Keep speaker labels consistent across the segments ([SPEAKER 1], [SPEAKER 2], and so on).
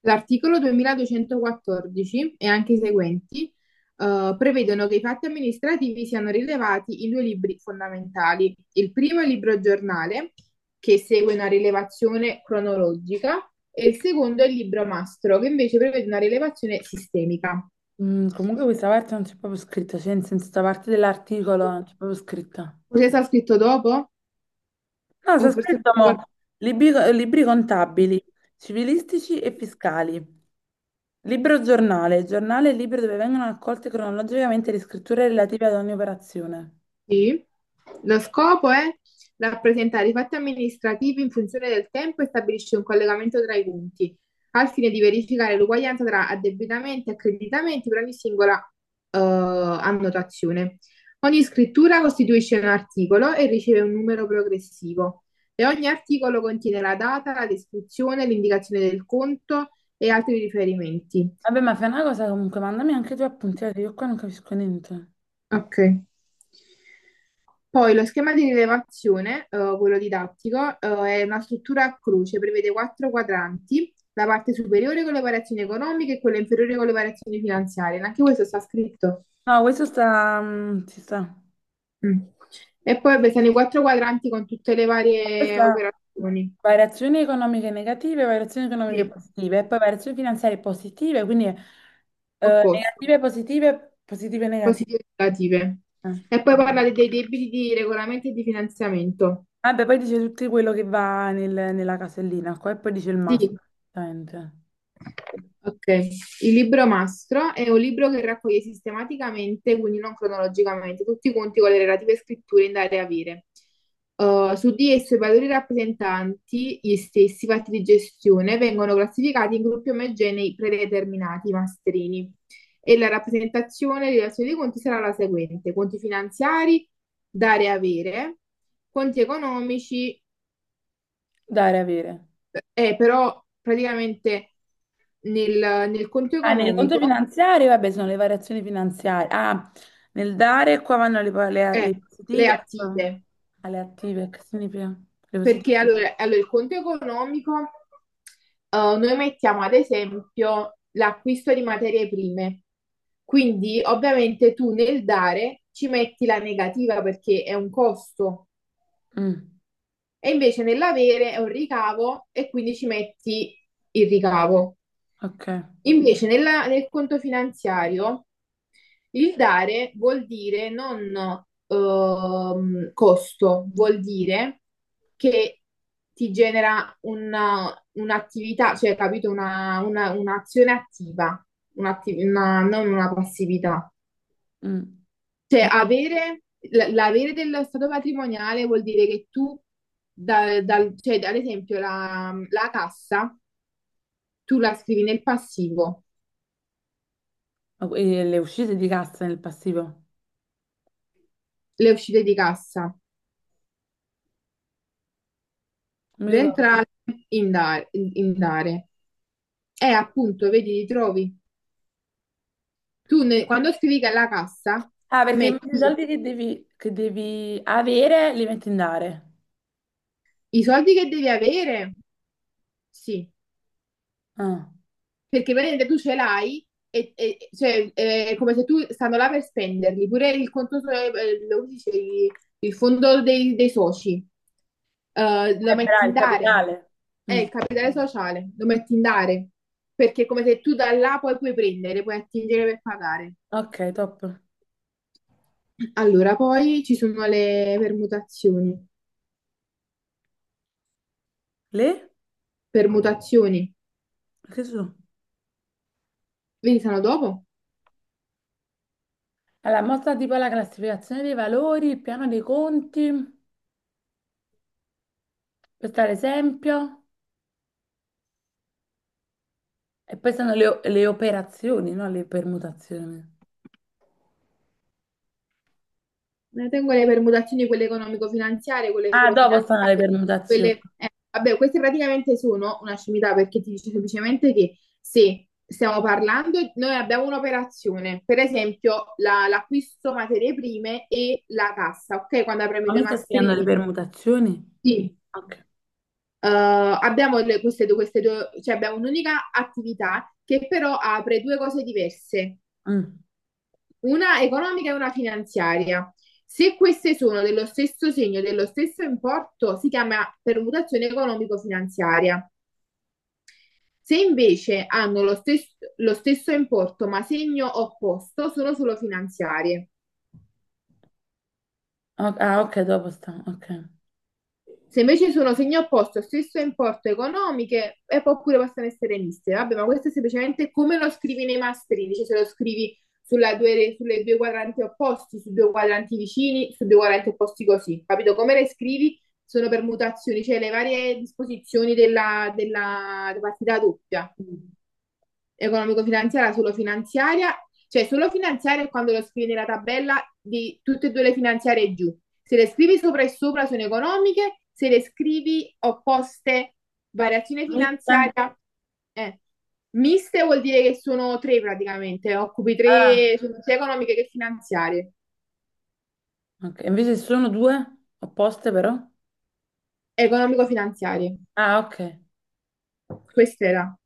[SPEAKER 1] L'articolo 2214 e anche i seguenti prevedono che i fatti amministrativi siano rilevati in due libri fondamentali. Il primo è il libro giornale, che segue una rilevazione cronologica, e il secondo è il libro mastro, che invece prevede una rilevazione sistemica.
[SPEAKER 2] Mm, comunque questa parte non c'è proprio scritto, cioè in senso, questa parte dell'articolo non c'è proprio scritto.
[SPEAKER 1] Cosa sta scritto dopo?
[SPEAKER 2] No,
[SPEAKER 1] O
[SPEAKER 2] c'è
[SPEAKER 1] forse...
[SPEAKER 2] scritto mo, libri contabili, civilistici e fiscali. Libro giornale, giornale e libro dove vengono raccolte cronologicamente le scritture relative ad ogni operazione.
[SPEAKER 1] Sì. Lo scopo è rappresentare i fatti amministrativi in funzione del tempo e stabilisce un collegamento tra i punti, al fine di verificare l'uguaglianza tra addebitamenti e accreditamenti per ogni singola annotazione. Ogni scrittura costituisce un articolo e riceve un numero progressivo e ogni articolo contiene la data, la descrizione, l'indicazione del conto e altri riferimenti.
[SPEAKER 2] Vabbè, ma fai una cosa comunque, mandami anche tu appunti, perché io qua non capisco niente.
[SPEAKER 1] Ok. Poi lo schema di rilevazione, quello didattico, è una struttura a croce, prevede quattro quadranti, la parte superiore con le variazioni economiche e quella inferiore con le variazioni finanziarie. Anche questo sta scritto.
[SPEAKER 2] No, questo sta... ci sta.
[SPEAKER 1] Mm. E poi beh, sono i quattro quadranti con tutte le varie
[SPEAKER 2] Questa
[SPEAKER 1] operazioni.
[SPEAKER 2] variazioni economiche negative, variazioni economiche
[SPEAKER 1] Sì,
[SPEAKER 2] positive, e poi variazioni finanziarie positive, quindi
[SPEAKER 1] opposto,
[SPEAKER 2] negative, positive, positive e negative.
[SPEAKER 1] positive e negative. E poi parla dei debiti di regolamento e di finanziamento.
[SPEAKER 2] Vabbè, poi dice tutto quello che va nella casellina qua e poi dice il massimo.
[SPEAKER 1] Sì.
[SPEAKER 2] Esattamente.
[SPEAKER 1] Ok, il libro mastro è un libro che raccoglie sistematicamente, quindi non cronologicamente, tutti i conti con le relative scritture in dare e avere. Su di esso i valori rappresentanti gli stessi fatti di gestione vengono classificati in gruppi omogenei predeterminati, mastrini, e la rappresentazione di relazione dei conti sarà la seguente: conti finanziari, dare e avere, conti economici,
[SPEAKER 2] Dare, avere.
[SPEAKER 1] però praticamente nel, nel conto
[SPEAKER 2] Ah, nel conto
[SPEAKER 1] economico.
[SPEAKER 2] finanziario, vabbè, sono le variazioni finanziarie. Ah, nel dare qua vanno le, le-
[SPEAKER 1] Eh,
[SPEAKER 2] le
[SPEAKER 1] le
[SPEAKER 2] positive
[SPEAKER 1] attive,
[SPEAKER 2] alle attive, che significa? Le positive.
[SPEAKER 1] perché allora, il conto economico, noi mettiamo ad esempio l'acquisto di materie prime, quindi ovviamente tu nel dare ci metti la negativa perché è un costo
[SPEAKER 2] Mm,
[SPEAKER 1] e invece nell'avere è un ricavo e quindi ci metti il ricavo.
[SPEAKER 2] ok.
[SPEAKER 1] Invece nel conto finanziario il dare vuol dire non costo, vuol dire che ti genera un'attività, cioè capito, un'azione attiva, non una passività.
[SPEAKER 2] Mm.
[SPEAKER 1] Cioè avere, l'avere dello stato patrimoniale vuol dire che tu, cioè, ad esempio la cassa, tu la scrivi nel passivo,
[SPEAKER 2] E le uscite di cassa nel passivo?
[SPEAKER 1] le uscite di cassa,
[SPEAKER 2] Non mi
[SPEAKER 1] le
[SPEAKER 2] ricordo.
[SPEAKER 1] entrate in dare, in dare. Appunto, vedi, li trovi. Quando scrivi che alla cassa
[SPEAKER 2] Ah, perché i
[SPEAKER 1] metti
[SPEAKER 2] soldi che devi avere li metti in dare.
[SPEAKER 1] i soldi che devi avere, sì,
[SPEAKER 2] Ah.
[SPEAKER 1] perché veramente tu ce l'hai cioè, è come se tu stanno là per spenderli, pure il conto, lo dice, il fondo dei soci, lo metti
[SPEAKER 2] Bravo,
[SPEAKER 1] in
[SPEAKER 2] il
[SPEAKER 1] dare,
[SPEAKER 2] capitale.
[SPEAKER 1] è
[SPEAKER 2] Mm.
[SPEAKER 1] il capitale sociale, lo metti in dare, perché è come se tu da là poi puoi prendere, puoi attingere per pagare.
[SPEAKER 2] Ok, top.
[SPEAKER 1] Allora, poi ci sono le permutazioni.
[SPEAKER 2] Le?
[SPEAKER 1] Permutazioni.
[SPEAKER 2] Che sono?
[SPEAKER 1] Vedi, sono dopo.
[SPEAKER 2] Allora, mostra tipo la classificazione dei valori, il piano dei conti, questo è l'esempio. E poi sono le operazioni, no? Le permutazioni.
[SPEAKER 1] Ne tengo le permutazioni, quelle economico-finanziarie, quelle
[SPEAKER 2] Ah,
[SPEAKER 1] solo
[SPEAKER 2] dopo sono le
[SPEAKER 1] finanziarie,
[SPEAKER 2] permutazioni.
[SPEAKER 1] quelle... vabbè, queste praticamente sono una scimità perché ti dice semplicemente che se stiamo parlando, noi abbiamo un'operazione, per esempio l'acquisto materie prime e la cassa, ok? Quando apriamo i
[SPEAKER 2] Ma
[SPEAKER 1] due
[SPEAKER 2] mi stai spiegando le
[SPEAKER 1] mastrini,
[SPEAKER 2] permutazioni?
[SPEAKER 1] sì.
[SPEAKER 2] Ok.
[SPEAKER 1] Abbiamo queste due, cioè abbiamo un'unica attività che però apre due cose diverse.
[SPEAKER 2] Mm.
[SPEAKER 1] Una economica e una finanziaria. Se queste sono dello stesso segno, dello stesso importo, si chiama permutazione economico-finanziaria. Se invece hanno lo stesso importo ma segno opposto, sono solo finanziarie.
[SPEAKER 2] Ah, ok, dopo sta. Ok.
[SPEAKER 1] Se invece sono segno opposto, stesso importo economiche, e poi pure possono essere miste. Vabbè, ma questo è semplicemente come lo scrivi nei masterini, cioè se lo scrivi sulla due, sulle due quadranti opposti, su due quadranti vicini, su due quadranti opposti così, capito? Come le scrivi sono permutazioni, cioè le varie disposizioni della partita doppia
[SPEAKER 2] Mm.
[SPEAKER 1] economico-finanziaria, solo finanziaria, cioè solo finanziaria è quando lo scrivi nella tabella di tutte e due le finanziarie giù. Se le scrivi sopra e sopra sono economiche, se le scrivi opposte, variazione
[SPEAKER 2] Questa...
[SPEAKER 1] finanziaria, eh. Miste vuol dire che sono tre praticamente, occupi
[SPEAKER 2] Ah,
[SPEAKER 1] tre, sono sia economiche che finanziarie,
[SPEAKER 2] ok. Invece sono due opposte però?
[SPEAKER 1] economico-finanziarie.
[SPEAKER 2] Ah, ok.
[SPEAKER 1] Questa era.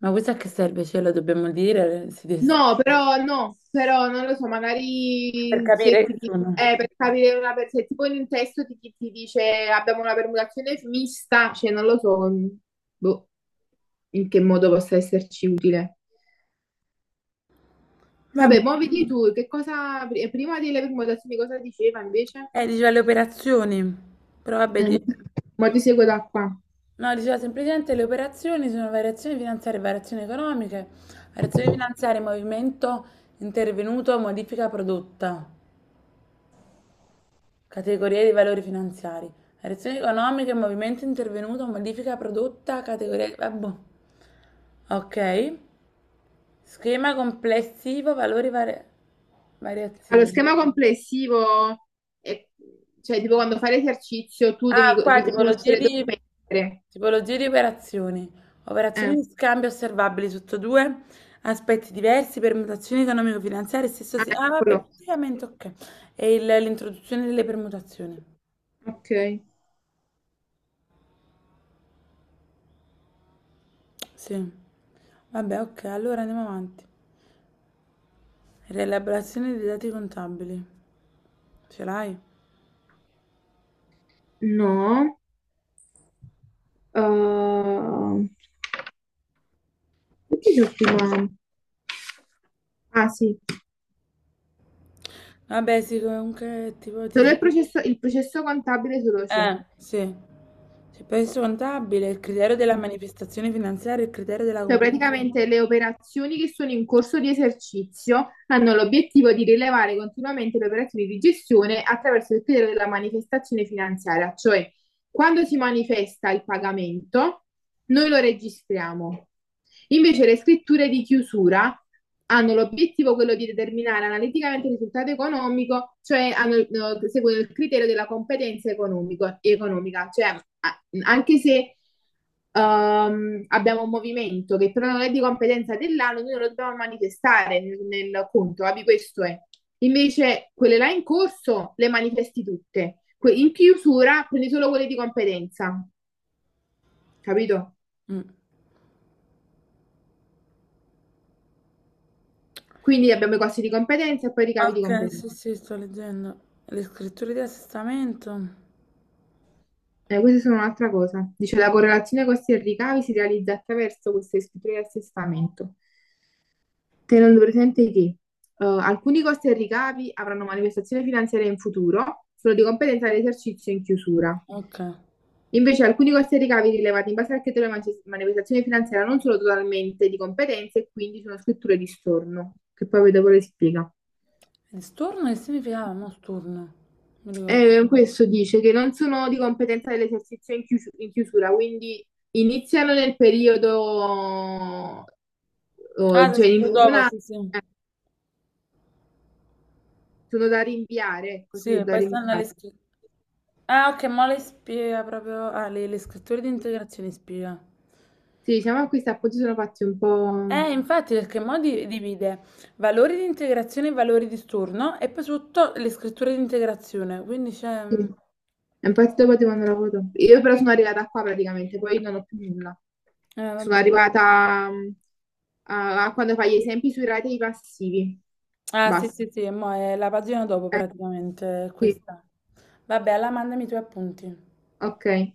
[SPEAKER 2] Ma questa a che serve? Ce la dobbiamo dire si des-
[SPEAKER 1] No, però no, però non lo so,
[SPEAKER 2] Per
[SPEAKER 1] magari se
[SPEAKER 2] capire
[SPEAKER 1] ti
[SPEAKER 2] che
[SPEAKER 1] dice,
[SPEAKER 2] sono.
[SPEAKER 1] per capire se tipo in un testo ti dice abbiamo una permutazione mista, cioè non lo so, mm, boh, in che modo possa esserci utile. Vabbè,
[SPEAKER 2] Vabbè.
[SPEAKER 1] muoviti tu, che cosa, prima delle permutazioni cosa diceva invece?
[SPEAKER 2] Diceva le operazioni. Però vabbè,
[SPEAKER 1] Eh, ma ti seguo da qua.
[SPEAKER 2] no, diceva semplicemente le operazioni sono variazioni finanziarie, variazioni economiche, variazioni finanziarie, movimento intervenuto, modifica prodotta. Categorie di valori finanziari. Variazioni economiche, movimento intervenuto, modifica prodotta, categoria... di... ah, boh. Ok. Schema complessivo,
[SPEAKER 1] Allora,
[SPEAKER 2] variazioni.
[SPEAKER 1] schema complessivo, è- cioè tipo quando fai l'esercizio tu devi
[SPEAKER 2] Ah, qua
[SPEAKER 1] riconoscere dove mettere.
[SPEAKER 2] tipologie di operazioni. Operazioni
[SPEAKER 1] Eh,
[SPEAKER 2] di scambio osservabili sotto due aspetti diversi, permutazioni economico-finanziarie,
[SPEAKER 1] ah,
[SPEAKER 2] ah, vabbè,
[SPEAKER 1] eccolo.
[SPEAKER 2] praticamente ok. L'introduzione delle permutazioni.
[SPEAKER 1] Ok,
[SPEAKER 2] Sì. Vabbè, ok, allora andiamo avanti. Rielaborazione dei dati contabili. Ce l'hai?
[SPEAKER 1] no. Uh, perché c'ho prima? Ah sì,
[SPEAKER 2] Vabbè, sì, comunque, tipo, ti
[SPEAKER 1] solo
[SPEAKER 2] dicevo...
[SPEAKER 1] il processo contabile solo ciò.
[SPEAKER 2] Sì. C'è peso contabile, il criterio della manifestazione finanziaria, il criterio della
[SPEAKER 1] Cioè,
[SPEAKER 2] competenza...
[SPEAKER 1] praticamente
[SPEAKER 2] economica.
[SPEAKER 1] le operazioni che sono in corso di esercizio hanno l'obiettivo di rilevare continuamente le operazioni di gestione attraverso il criterio della manifestazione finanziaria, cioè quando si manifesta il pagamento, noi lo registriamo. Invece le scritture di chiusura hanno l'obiettivo quello di determinare analiticamente il risultato economico, cioè hanno, seguono il criterio della competenza economica, cioè anche se abbiamo un movimento che però non è di competenza dell'ANU, noi non lo dobbiamo manifestare nel conto, capi? Questo è. Invece quelle là in corso le manifesti tutte. In chiusura prendi solo quelle di competenza, capito?
[SPEAKER 2] Mm.
[SPEAKER 1] Quindi abbiamo i costi di competenza e poi i ricavi di
[SPEAKER 2] Ok, sì,
[SPEAKER 1] competenza.
[SPEAKER 2] sì, sto leggendo. Le scritture di assestamento.
[SPEAKER 1] Queste sono un'altra cosa. Dice la correlazione costi e ricavi si realizza attraverso queste scritture di assestamento. Tenendo presente che alcuni costi e ricavi avranno manifestazione finanziaria in futuro, solo di competenza dell'esercizio in chiusura.
[SPEAKER 2] Ok.
[SPEAKER 1] Invece alcuni costi e ricavi rilevati in base al criterio manifestazione finanziaria non sono totalmente di competenza e quindi sono scritture di storno, che poi vedo le spiega.
[SPEAKER 2] Storno che significava? No, storno. Non mi ricordo.
[SPEAKER 1] Questo dice che non sono di competenza dell'esercizio in in chiusura, quindi iniziano nel periodo,
[SPEAKER 2] Ah,
[SPEAKER 1] oh,
[SPEAKER 2] si
[SPEAKER 1] cioè in
[SPEAKER 2] scritto dopo,
[SPEAKER 1] una,
[SPEAKER 2] sì, sì.
[SPEAKER 1] eh, sono da rinviare, così sono
[SPEAKER 2] Sì,
[SPEAKER 1] da
[SPEAKER 2] poi stanno le
[SPEAKER 1] rinviare.
[SPEAKER 2] scritture. Ah, ok, ma le spiega proprio... Ah, le scritture di integrazione spiega.
[SPEAKER 1] Sì, diciamo che questa appoggio sono fatti un po'...
[SPEAKER 2] Infatti, perché mo divide valori di integrazione e valori di storno e poi sotto le scritture di integrazione. Quindi c'è...
[SPEAKER 1] Sì,
[SPEAKER 2] mm,
[SPEAKER 1] è un partito poi di quando ero avuto. Io però sono arrivata qua praticamente, poi non ho più nulla.
[SPEAKER 2] eh,
[SPEAKER 1] Sono
[SPEAKER 2] vabbè.
[SPEAKER 1] arrivata mm, a quando fai gli esempi sui ratei passivi.
[SPEAKER 2] Ah, sì,
[SPEAKER 1] Basta.
[SPEAKER 2] sì, sì, mo è la pagina dopo
[SPEAKER 1] Eh,
[SPEAKER 2] praticamente
[SPEAKER 1] sì,
[SPEAKER 2] questa. Vabbè, alla mandami i tuoi appunti.
[SPEAKER 1] ok.